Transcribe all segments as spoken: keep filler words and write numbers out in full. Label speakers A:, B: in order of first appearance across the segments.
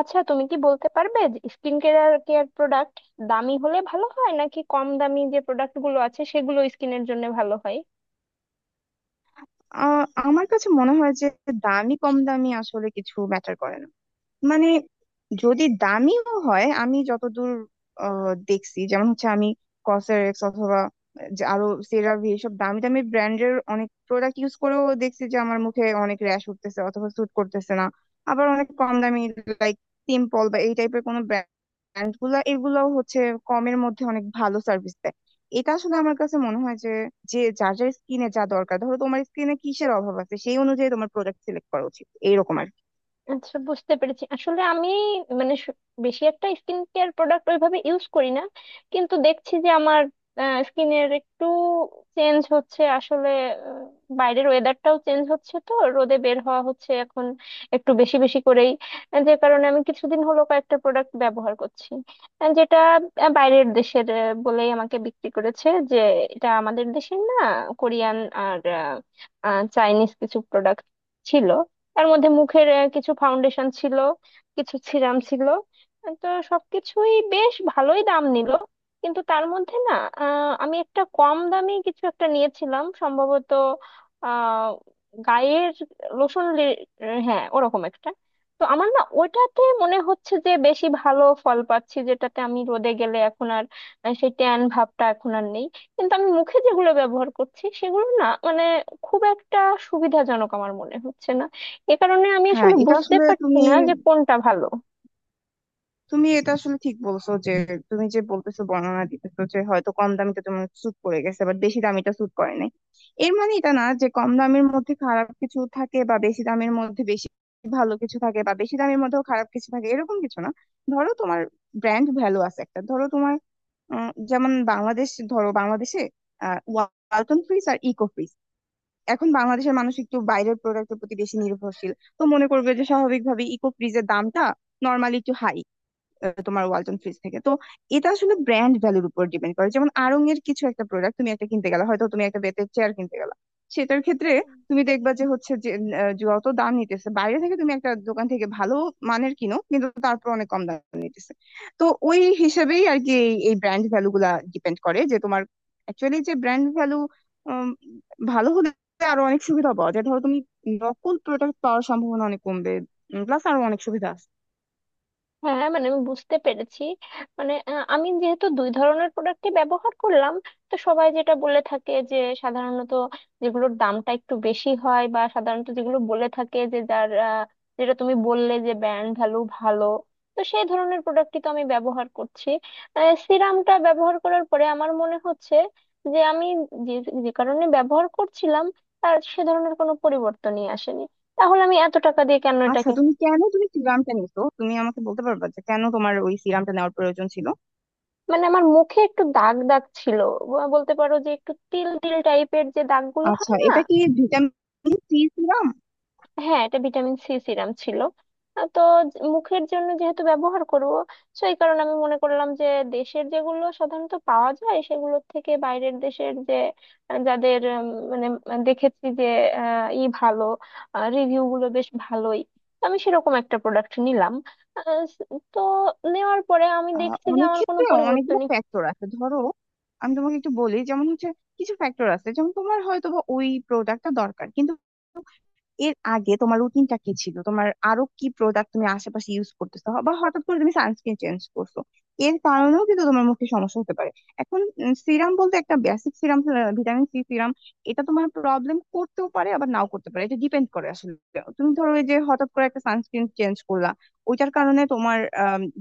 A: আচ্ছা, তুমি কি বলতে পারবে স্কিন কেয়ার কেয়ার প্রোডাক্ট দামি হলে ভালো হয় নাকি কম দামি যে প্রোডাক্ট গুলো আছে সেগুলো স্কিনের জন্য ভালো হয়?
B: আ- আমার কাছে মনে হয় যে দামি কম দামি আসলে কিছু ম্যাটার করে না। মানে যদি দামিও হয়, আমি যতদূর আহ, দেখছি যেমন হচ্ছে আমি কসরেক্স অথবা যে আরো সেরাভি, এসব দামি দামি ব্র্যান্ডের অনেক প্রোডাক্ট ইউজ করেও দেখছি যে আমার মুখে অনেক র্যাশ উঠতেছে অথবা স্যুট করতেছে না। আবার অনেক কম দামি, লাইক সিম্পল বা এই টাইপের কোনো ব্র্যান্ড গুলা এগুলোও হচ্ছে কমের মধ্যে অনেক ভালো সার্ভিস দেয়। এটা আসলে আমার কাছে মনে হয় যে যে যার যার স্কিনে যা দরকার, ধরো তোমার স্কিনে কিসের অভাব আছে সেই অনুযায়ী তোমার প্রোডাক্ট সিলেক্ট করা উচিত, এইরকম আর কি।
A: আচ্ছা, বুঝতে পেরেছি। আসলে আমি মানে সু- বেশি একটা স্কিন কেয়ার প্রোডাক্ট ওইভাবে ইউজ করি না। কিন্তু দেখছি যে আমার স্কিনের একটু চেঞ্জ হচ্ছে আসলে। আহ, বাইরের ওয়েদারটাও চেঞ্জ হচ্ছে, তো রোদে বের হওয়া হচ্ছে এখন একটু বেশি বেশি করেই। আহ, যে কারণে আমি কিছুদিন হলো কয়েকটা প্রোডাক্ট ব্যবহার করছি। আহ, যেটা আহ, বাইরের দেশের আহ, বলেই আমাকে বিক্রি করেছে যে এটা আমাদের দেশের না। কোরিয়ান আর আহ, আহ, চাইনিজ কিছু প্রোডাক্ট ছিল। তার মধ্যে মুখের আহ, কিছু ফাউন্ডেশন ছিল, কিছু সিরাম ছিল। আহ, তো সবকিছুই বেশ ভালোই দাম নিল। কিন্তু তার মধ্যে না, আহ, আমি একটা কম দামি কিছু একটা নিয়েছিলাম সম্ভবত, আহ গায়ের লোশন লে- হ্যাঁ, ওরকম একটা। তো আমার না ওটাতে মনে হচ্ছে যে বেশি ভালো ফল পাচ্ছি, যেটাতে আমি রোদে গেলে এখন আর আহ, সেই ট্যান ভাবটা এখন আর নেই। কিন্তু আমি মুখে যেগুলো ব্যবহার করছি সেগুলো না, মানে খুব একটা সুবিধাজনক আমার মনে হচ্ছে না। এ কারণে আমি
B: হ্যাঁ,
A: আসলে
B: এটা
A: বুঝতে
B: আসলে
A: পারছি
B: তুমি
A: না যে কোনটা ভালো।
B: তুমি এটা আসলে ঠিক বলছো যে তুমি যে বলতেছো, বর্ণনা দিতেছো যে হয়তো কম দামিটা তোমার স্যুট করে গেছে, বাট বেশি দামিটা স্যুট করে নাই। এর মানে এটা না যে কম দামের মধ্যে খারাপ কিছু থাকে বা বেশি দামের মধ্যে বেশি ভালো কিছু থাকে, বা বেশি দামের মধ্যেও খারাপ কিছু থাকে, এরকম কিছু না। ধরো তোমার ব্র্যান্ড ভ্যালু আছে একটা, ধরো তোমার উম, যেমন বাংলাদেশ, ধরো বাংলাদেশে আহ ওয়ালটন ফ্রিজ আর ইকো ফ্রিজ। এখন বাংলাদেশের মানুষ একটু বাইরের প্রোডাক্টের প্রতি বেশি নির্ভরশীল। তো মনে করবে যে স্বাভাবিকভাবে ইকো ফ্রিজের দামটা নর্মালি একটু হাই তোমার ওয়ালটন ফ্রিজ থেকে। তো এটা আসলে ব্র্যান্ড ভ্যালুর উপর ডিপেন্ড করে। যেমন আড়ং এর কিছু একটা প্রোডাক্ট তুমি একটা কিনতে গেলা, হয়তো তুমি একটা বেতের চেয়ার কিনতে গেলা, সেটার ক্ষেত্রে তুমি দেখবা যে হচ্ছে যে আহ, যত দাম নিতেছে, বাইরে থেকে তুমি একটা দোকান থেকে ভালো মানের কিনো কিন্তু তারপর অনেক কম দাম। তো ওই হিসেবেই আর কি, এই এই ব্র্যান্ড ভ্যালু গুলা ডিপেন্ড করে যে তোমার অ্যাকচুয়ালি যে ব্র্যান্ড ভ্যালু ভালো হলে আরো অনেক সুবিধা পাওয়া যায়। ধরো তুমি নকল প্রোডাক্ট পাওয়ার সম্ভাবনা অনেক কমবে, প্লাস আরো অনেক সুবিধা আছে।
A: হ্যাঁ, মানে আমি বুঝতে পেরেছি। মানে আহ, আমি যেহেতু দুই ধরনের প্রোডাক্টই ব্যবহার করলাম, তো সবাই যেটা বলে থাকে যে সাধারণত যেগুলোর দামটা একটু বেশি হয় বা সাধারণত যেগুলো বলে থাকে যে যার আহ, যেটা তুমি বললে যে ব্র্যান্ড ভ্যালু ভালো, তো সেই ধরনের প্রোডাক্টই তো আমি ব্যবহার করছি। সিরামটা ব্যবহার করার পরে আমার মনে হচ্ছে যে আমি যে যে কারণে ব্যবহার করছিলাম তার সে ধরনের কোনো পরিবর্তনই আসেনি। তাহলে আমি এত টাকা দিয়ে কেন এটা
B: আচ্ছা, তুমি
A: কিনলাম?
B: কেন, তুমি সিরামটা নিছো, তুমি আমাকে বলতে পারবে যে কেন তোমার ওই সিরামটা নেওয়ার প্রয়োজন ছিল?
A: মানে আমার মুখে একটু দাগ দাগ ছিল। ব- বলতে পারো যে একটু তিল তিল টাইপের যে দাগগুলো
B: আচ্ছা,
A: হয় না।
B: এটা কি ভিটামিন সি সিরাম?
A: হ্যাঁ, এটা ভিটামিন সি সিরাম ছিল। আহ, তো জ- মুখের জন্য যেহেতু ব্যবহার করব, তো এই কারণে আমি মনে করলাম যে দেশের যেগুলো সাধারণত পাওয়া যায় সেগুলোর থেকে বাইরের দেশের যে আহ, যাদের উম, মানে আহ, দেখেছি যে আহ, ই ভালো রিভিউ গুলো বেশ ভালোই, তো আমি সেরকম একটা প্রোডাক্ট নিলাম। আহ, তো নেওয়ার পরে আমি
B: আহ,
A: দেখছি যে
B: অনেক
A: আমার কোনো
B: ক্ষেত্রে অনেকগুলো
A: পরিবর্তনই।
B: ফ্যাক্টর আছে। ধরো আমি তোমাকে একটু বলি, যেমন হচ্ছে কিছু ফ্যাক্টর আছে, যেমন তোমার হয়তো বা ওই প্রোডাক্টটা দরকার, কিন্তু এর আগে তোমার রুটিনটা কি ছিল, তোমার আরো কি প্রোডাক্ট তুমি আশেপাশে ইউজ করতেছো, বা হঠাৎ করে তুমি সানস্ক্রিন চেঞ্জ করছো, এর কারণেও কিন্তু তোমার মুখে সমস্যা হতে পারে। এখন সিরাম বলতে একটা basic serum, vitamin C serum, এটা তোমার প্রবলেম করতেও পারে আবার নাও করতে পারে। এটা ডিপেন্ড করে আসলে। তুমি ধরো ওই যে হঠাৎ করে একটা সানস্ক্রিন চেঞ্জ করলা, ওইটার কারণে তোমার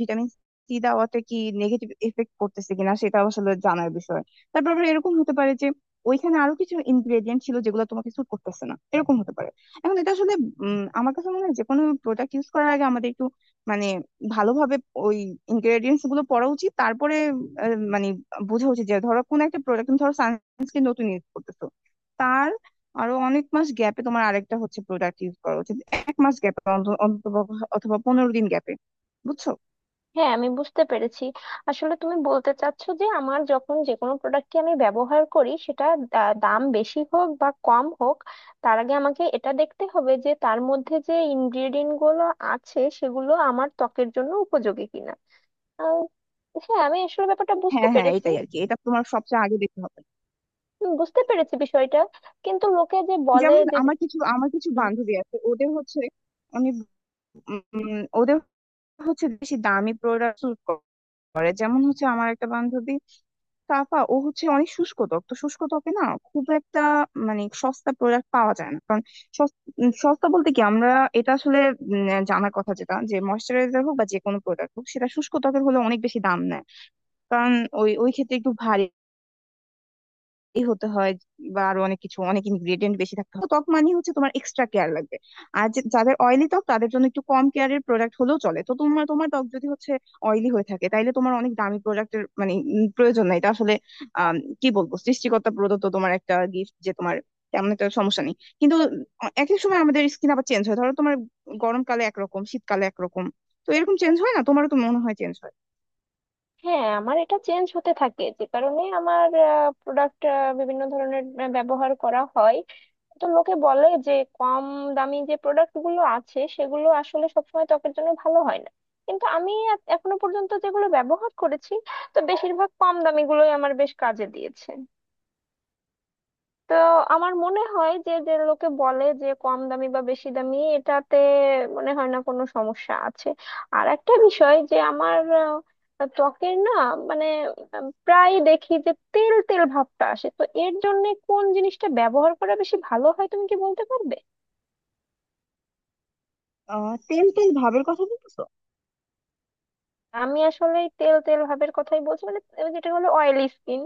B: ভিটামিন সি দেওয়াতে কি নেগেটিভ এফেক্ট করতেছে কিনা সেটা আসলে জানার বিষয়। তারপর আবার এরকম হতে পারে যে ওইখানে আরো কিছু ইনগ্রেডিয়েন্ট ছিল যেগুলো তোমাকে স্যুট করতেছে না, এরকম হতে পারে। এখন এটা আসলে উম, আমার কাছে মনে হয় যে কোনো প্রোডাক্ট ইউজ করার আগে আমাদের একটু মানে ভালোভাবে ওই ইনগ্রেডিয়েন্টস গুলো পড়া উচিত, তারপরে আহ, মানে বোঝা উচিত যে ধরো কোন একটা প্রোডাক্ট, তুমি ধরো সানস্ক্রিন নতুন ইউজ করতেছো, তার আরো অনেক মাস গ্যাপে তোমার আরেকটা হচ্ছে প্রোডাক্ট ইউজ করা উচিত, এক মাস গ্যাপে অন্তত, অথবা পনেরো দিন গ্যাপে। বুঝছো?
A: হ্যাঁ, আমি বুঝতে পেরেছি। আসলে তুমি বলতে চাচ্ছো যে আমার যখন যে কোনো প্রোডাক্টকে আমি ব্যবহার করি, সেটা দা- দাম বেশি হোক বা কম হোক, তার আগে আমাকে এটা দেখতে হবে যে তার মধ্যে যে ইনগ্রেডিয়েন্ট গুলো আছে সেগুলো আমার ত্বকের জন্য উপযোগী কিনা। আহ, হ্যাঁ, আমি আসলে ব্যাপারটা বুঝতে
B: হ্যাঁ হ্যাঁ,
A: পেরেছি।
B: এটাই আর কি, এটা তোমার সবচেয়ে আগে দেখতে হবে।
A: উম, বুঝতে পেরেছি বিষয়টা। কিন্তু লোকে যে বলে
B: যেমন
A: যে।
B: আমার কিছু আমার কিছু
A: হুম।
B: বান্ধবী আছে, ওদের হচ্ছে আমি উম, ওদের হচ্ছে বেশি দামি প্রোডাক্ট করে। যেমন হচ্ছে আমার একটা বান্ধবী কাকা, ও হচ্ছে অনেক শুষ্ক ত্বক, তো শুষ্ক ত্বকে না খুব একটা মানে সস্তা প্রোডাক্ট পাওয়া যায় না, কারণ সস- উম, সস্তা বলতে কি আমরা, এটা আসলে উম, জানার কথা যেটা যে ময়শ্চারাইজার হোক বা যে কোনো প্রোডাক্ট হোক, সেটা শুষ্ক ত্বকের হলে অনেক বেশি দাম নেয়। কারণ ওই ওই ক্ষেত্রে একটু ভারী এই হতে হয়, বা আরো অনেক কিছু, অনেক ইনগ্রেডিয়েন্ট বেশি থাকতে হয়, তো ত্বক মানে হচ্ছে তোমার এক্সট্রা কেয়ার লাগবে। আর যে- যাদের অয়েলি ত্বক, তাদের জন্য একটু কম কেয়ারের প্রোডাক্ট হলেও চলে। তো তোমার তোমার ত্বক যদি হচ্ছে অয়েলি হয়ে থাকে, তাইলে তোমার অনেক দামি প্রোডাক্টের মানে উম, প্রয়োজন নাই। এটা আসলে আম, কি বলবো, সৃষ্টিকর্তা প্রদত্ত তোমার একটা গিফট যে তোমার তেমন একটা সমস্যা নেই। কিন্তু আহ, এক এক সময় আমাদের স্কিন আবার চেঞ্জ হয়। ধরো তোমার গরমকালে একরকম, শীতকালে একরকম, তো এরকম চেঞ্জ হয় না? তোমারও তো মনে হয় চেঞ্জ হয়।
A: হ্যাঁ, আমার এটা চেঞ্জ হতে থাকে, যে কারণে আমার প্রোডাক্ট বিভিন্ন ধরনের আহ, ব্যবহার করা হয়। তো লোকে বলে যে কম দামি যে প্রোডাক্ট গুলো আছে সেগুলো আসলে সবসময় ত্বকের জন্য ভালো হয় না। কিন্তু আমি এ- এখনো পর্যন্ত যেগুলো ব্যবহার করেছি, তো বেশিরভাগ কম দামি গুলোই আমার বেশ কাজে দিয়েছে। তো আমার মনে হয় যে যে লোকে বলে যে কম দামি বা বেশি দামি, এটাতে মনে হয় না কোনো সমস্যা আছে। আর একটা বিষয় যে আমার আহ, ত্বকের না, মানে আহ, প্রায় দেখি যে তেল তেল ভাবটা আসে, তো এর জন্য কোন জিনিসটা ব্যবহার করা বেশি ভালো হয় তুমি কি বলতে পারবে?
B: আহ তেল তেল ভাবের কথা বলতেছো?
A: আমি আসলে এই তেল তেল ভাবের কথাই বলছি, মানে ওই যেটা হলো অয়েলি স্কিন।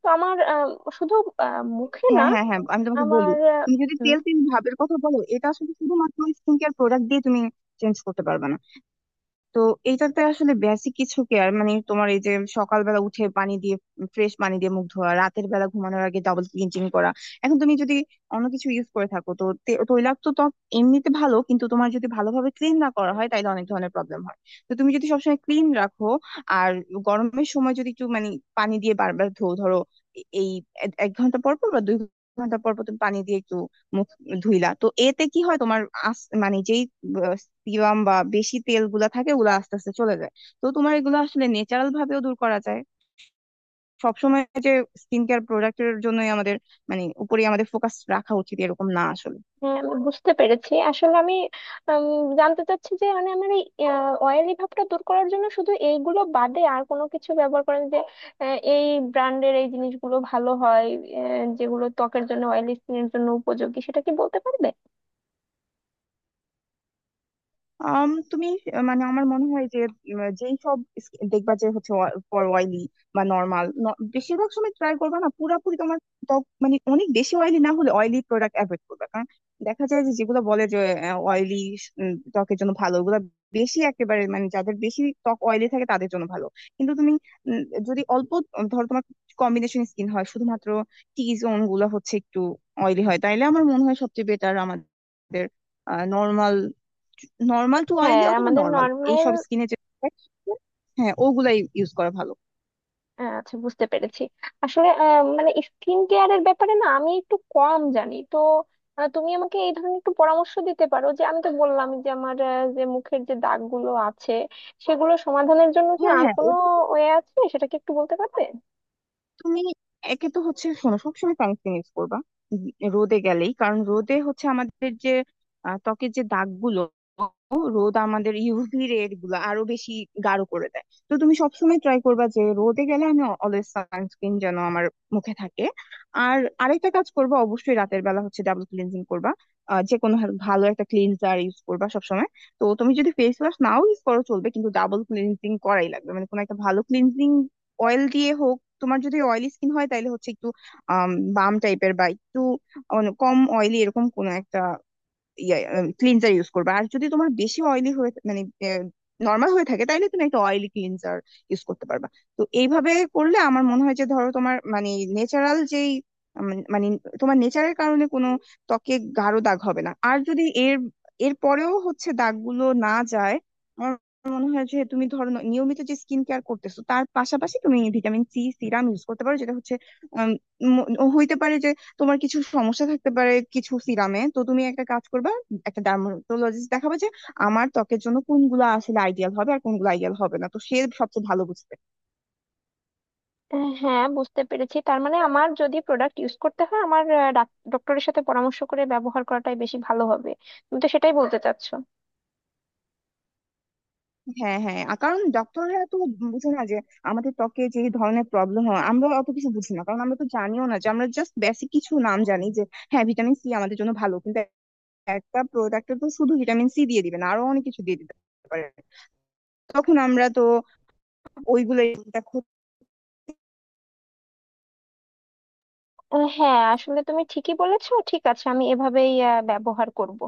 A: তো আমার আহ, শুধু আহ, মুখে না,
B: হ্যাঁ হ্যাঁ হ্যাঁ, আমি তোমাকে বলি।
A: আমার আহ,
B: তুমি যদি
A: হুম।
B: তেল তেল ভাবের কথা বলো, এটা আসলে শুধুমাত্র স্কিন কেয়ার প্রোডাক্ট দিয়ে তুমি চেঞ্জ করতে পারবে না। তো এটাতে আসলে বেসিক কিছু কেয়ার মানে তোমার এই যে সকালবেলা উঠে পানি দিয়ে, ফ্রেশ পানি দিয়ে মুখ ধোয়া, রাতের বেলা ঘুমানোর আগে ডাবল ক্লিনজিং করা। এখন তুমি যদি অন্য কিছু ইউজ করে থাকো, তো তে- তৈলাক্ত ত্বক এমনিতে ভালো কিন্তু তোমার যদি ভালোভাবে ক্লিন না করা হয় তাহলে অনেক ধরনের প্রবলেম হয়। তো তুমি যদি সবসময় ক্লিন রাখো, আর গরমের সময় যদি একটু মানে পানি দিয়ে বারবার ধো, ধরো এ- এই এক এক ঘন্টা পর পর বা দুই ঘন্টা পর পর তুমি পানি দিয়ে একটু মুখ ধুইলা, তো এতে কি হয় তোমার আস- মানে যেই সিরাম বা বেশি তেল গুলা থাকে ওগুলা আস্তে আস্তে চলে যায়। তো তোমার এগুলো আসলে ন্যাচারাল ভাবেও দূর করা যায়। সবসময় যে স্কিন কেয়ার প্রোডাক্টের জন্যই আমাদের মানে উপরে আমাদের ফোকাস রাখা উচিত, এরকম না আসলে।
A: হ্যাঁ, আমি বুঝতে পেরেছি। আসলে আমি উম, জানতে চাচ্ছি যে, মানে আমার এই অয়েলি ভাবটা দূর করার জন্য শুধু এইগুলো বাদে আর কোনো কিছু ব্যবহার করেন যে আহ, এই ব্র্যান্ডের এই জিনিসগুলো ভালো হয়, আহ, যেগুলো ত্বকের জন্য, অয়েলি স্কিনের জন্য উপযোগী, সেটা কি বলতে পারবে?
B: আম, তুমি আহ, মানে আমার মনে হয় যে উম, যেই সব স্কি- দেখবা যে হচ্ছে ফর অয়েলি বা নর্মাল, বেশিরভাগ সময় ট্রাই করবা না পুরাপুরি। তোমার ত্বক মানে অনেক বেশি অয়েলি না হলে অয়েলি প্রোডাক্ট অ্যাভয়েড করবে, কারণ দেখা যায় যে যেগুলো বলে যে অয়েলি ত্বকের জন্য ভালো, ওগুলো বেশি একেবারে মানে যাদের বেশি ত্বক অয়েলি থাকে তাদের জন্য ভালো। কিন্তু তুমি উম, যদি অল্প উম, ধরো তোমার কম্বিনেশন স্কিন হয়, শুধুমাত্র টি জোন গুলো হচ্ছে একটু অয়েলি হয়, তাইলে আমার মনে হয় সবচেয়ে বেটার আমাদের নর্মাল নর্মাল টু অয়েলি
A: হ্যাঁ,
B: অথবা
A: আমাদের
B: নর্মাল
A: নর্মাল।
B: এইসব স্কিনে যে হ্যাঁ ওগুলাই ইউজ করা ভালো।
A: আচ্ছা, বুঝতে পেরেছি। আসলে আহ, মানে স্কিন কেয়ারের ব্যাপারে না আমি একটু কম জানি, তো আহ, তুমি আমাকে এই ধরনের একটু পরামর্শ দিতে পারো যে আমি তো বললাম যে আমার আহ, যে মুখের যে দাগগুলো আছে সেগুলো সমাধানের জন্য কি
B: হ্যাঁ
A: আর
B: হ্যাঁ,
A: কোনো
B: ওটা
A: ওয়ে আছে, সেটা কি একটু বলতে পারবে?
B: তুমি একে তো হচ্ছে, শোনো সবসময় সানস্ক্রিন ইউজ করবা, উম, রোদে গেলেই, কারণ রোদে হচ্ছে আমাদের যে আহ, ত্বকের যে দাগগুলো, রোদ আমাদের ইউভি রে গুলো আরো বেশি গাঢ় করে দেয়। তো তুমি সবসময় ট্রাই করবা যে রোদে গেলে আমি অলওয়েজ সানস্ক্রিন যেন আমার মুখে থাকে। আর আরেকটা কাজ করবা, অবশ্যই রাতের বেলা হচ্ছে ডাবল ক্লিনজিং করবা। আহ, যে কোনো ভালো ভালো একটা ক্লিনজার ইউজ করবা সবসময়। তো তুমি যদি ফেস ওয়াশ নাও ইউজ করো চলবে, কিন্তু ডাবল ক্লিনজিং করাই লাগবে, মানে কোনো একটা ভালো ক্লিনজিং অয়েল দিয়ে হোক। তোমার যদি অয়েলি স্কিন হয় তাহলে হচ্ছে একটু আম বাম টাইপের বা একটু অন- কম অয়েলি এরকম কোনো একটা ক্লিনজার ইউজ করবে। আর যদি তোমার বেশি অয়েলি হয়ে মানে নর্মাল হয়ে থাকে তাহলে তুমি একটা অয়েলি ক্লিনজার ইউজ করতে পারবা। তো এইভাবে করলে আমার মনে হয় যে ধরো তোমার মানে ন্যাচারাল যেই উম, মানে তোমার নেচারের কারণে কোনো ত্বকে গাঢ় দাগ হবে না। আর যদি এর এর পরেও হচ্ছে দাগগুলো না যায়, আমার মনে হয় যে তুমি ধরো ন- নিয়মিত যে স্কিন কেয়ার করতেছো তার পাশাপাশি তুমি ভিটামিন সি সিরাম ইউজ করতে পারো, যেটা হচ্ছে উম, ম- হইতে পারে যে তোমার কিছু সমস্যা থাকতে পারে কিছু সিরামে। তো তুমি একটা কাজ করবে, একটা ডার্মাটোলজিস্ট দেখাবে যে আমার ত্বকের জন্য কোনগুলো আসলে আইডিয়াল হবে আর কোনগুলো আইডিয়াল হবে না, তো সে সবচেয়ে ভালো বুঝবে।
A: আহ, হ্যাঁ, বুঝতে পেরেছি। তার মানে আমার যদি প্রোডাক্ট ইউজ করতে হয়, আমার ডক্টরের সাথে পরামর্শ করে ব্যবহার করাটাই বেশি ভালো হবে। তুমি তো সেটাই বলতে চাচ্ছো।
B: হ্যাঁ হ্যাঁ, আর কারণ ডক্টররা তো বুঝে না যে আমাদের ত্বকে যে ধরনের প্রবলেম হয়, আমরা অত কিছু বুঝি না, কারণ আমরা তো জানিও না। যে আমরা জাস্ট বেসিক কিছু নাম জানি যে হ্যাঁ ভিটামিন সি আমাদের জন্য ভালো, কিন্তু একটা প্রোডাক্টে তো শুধু ভিটামিন সি দিয়ে দিবে না, আরো অনেক কিছু দিয়ে দিবে পারে, তখন আমরা তো ওইগুলো
A: আহ, হ্যাঁ, আসলে তুমি ঠিকই বলেছো। ঠিক আছে, আমি এভাবেই আহ, ব্যবহার করব।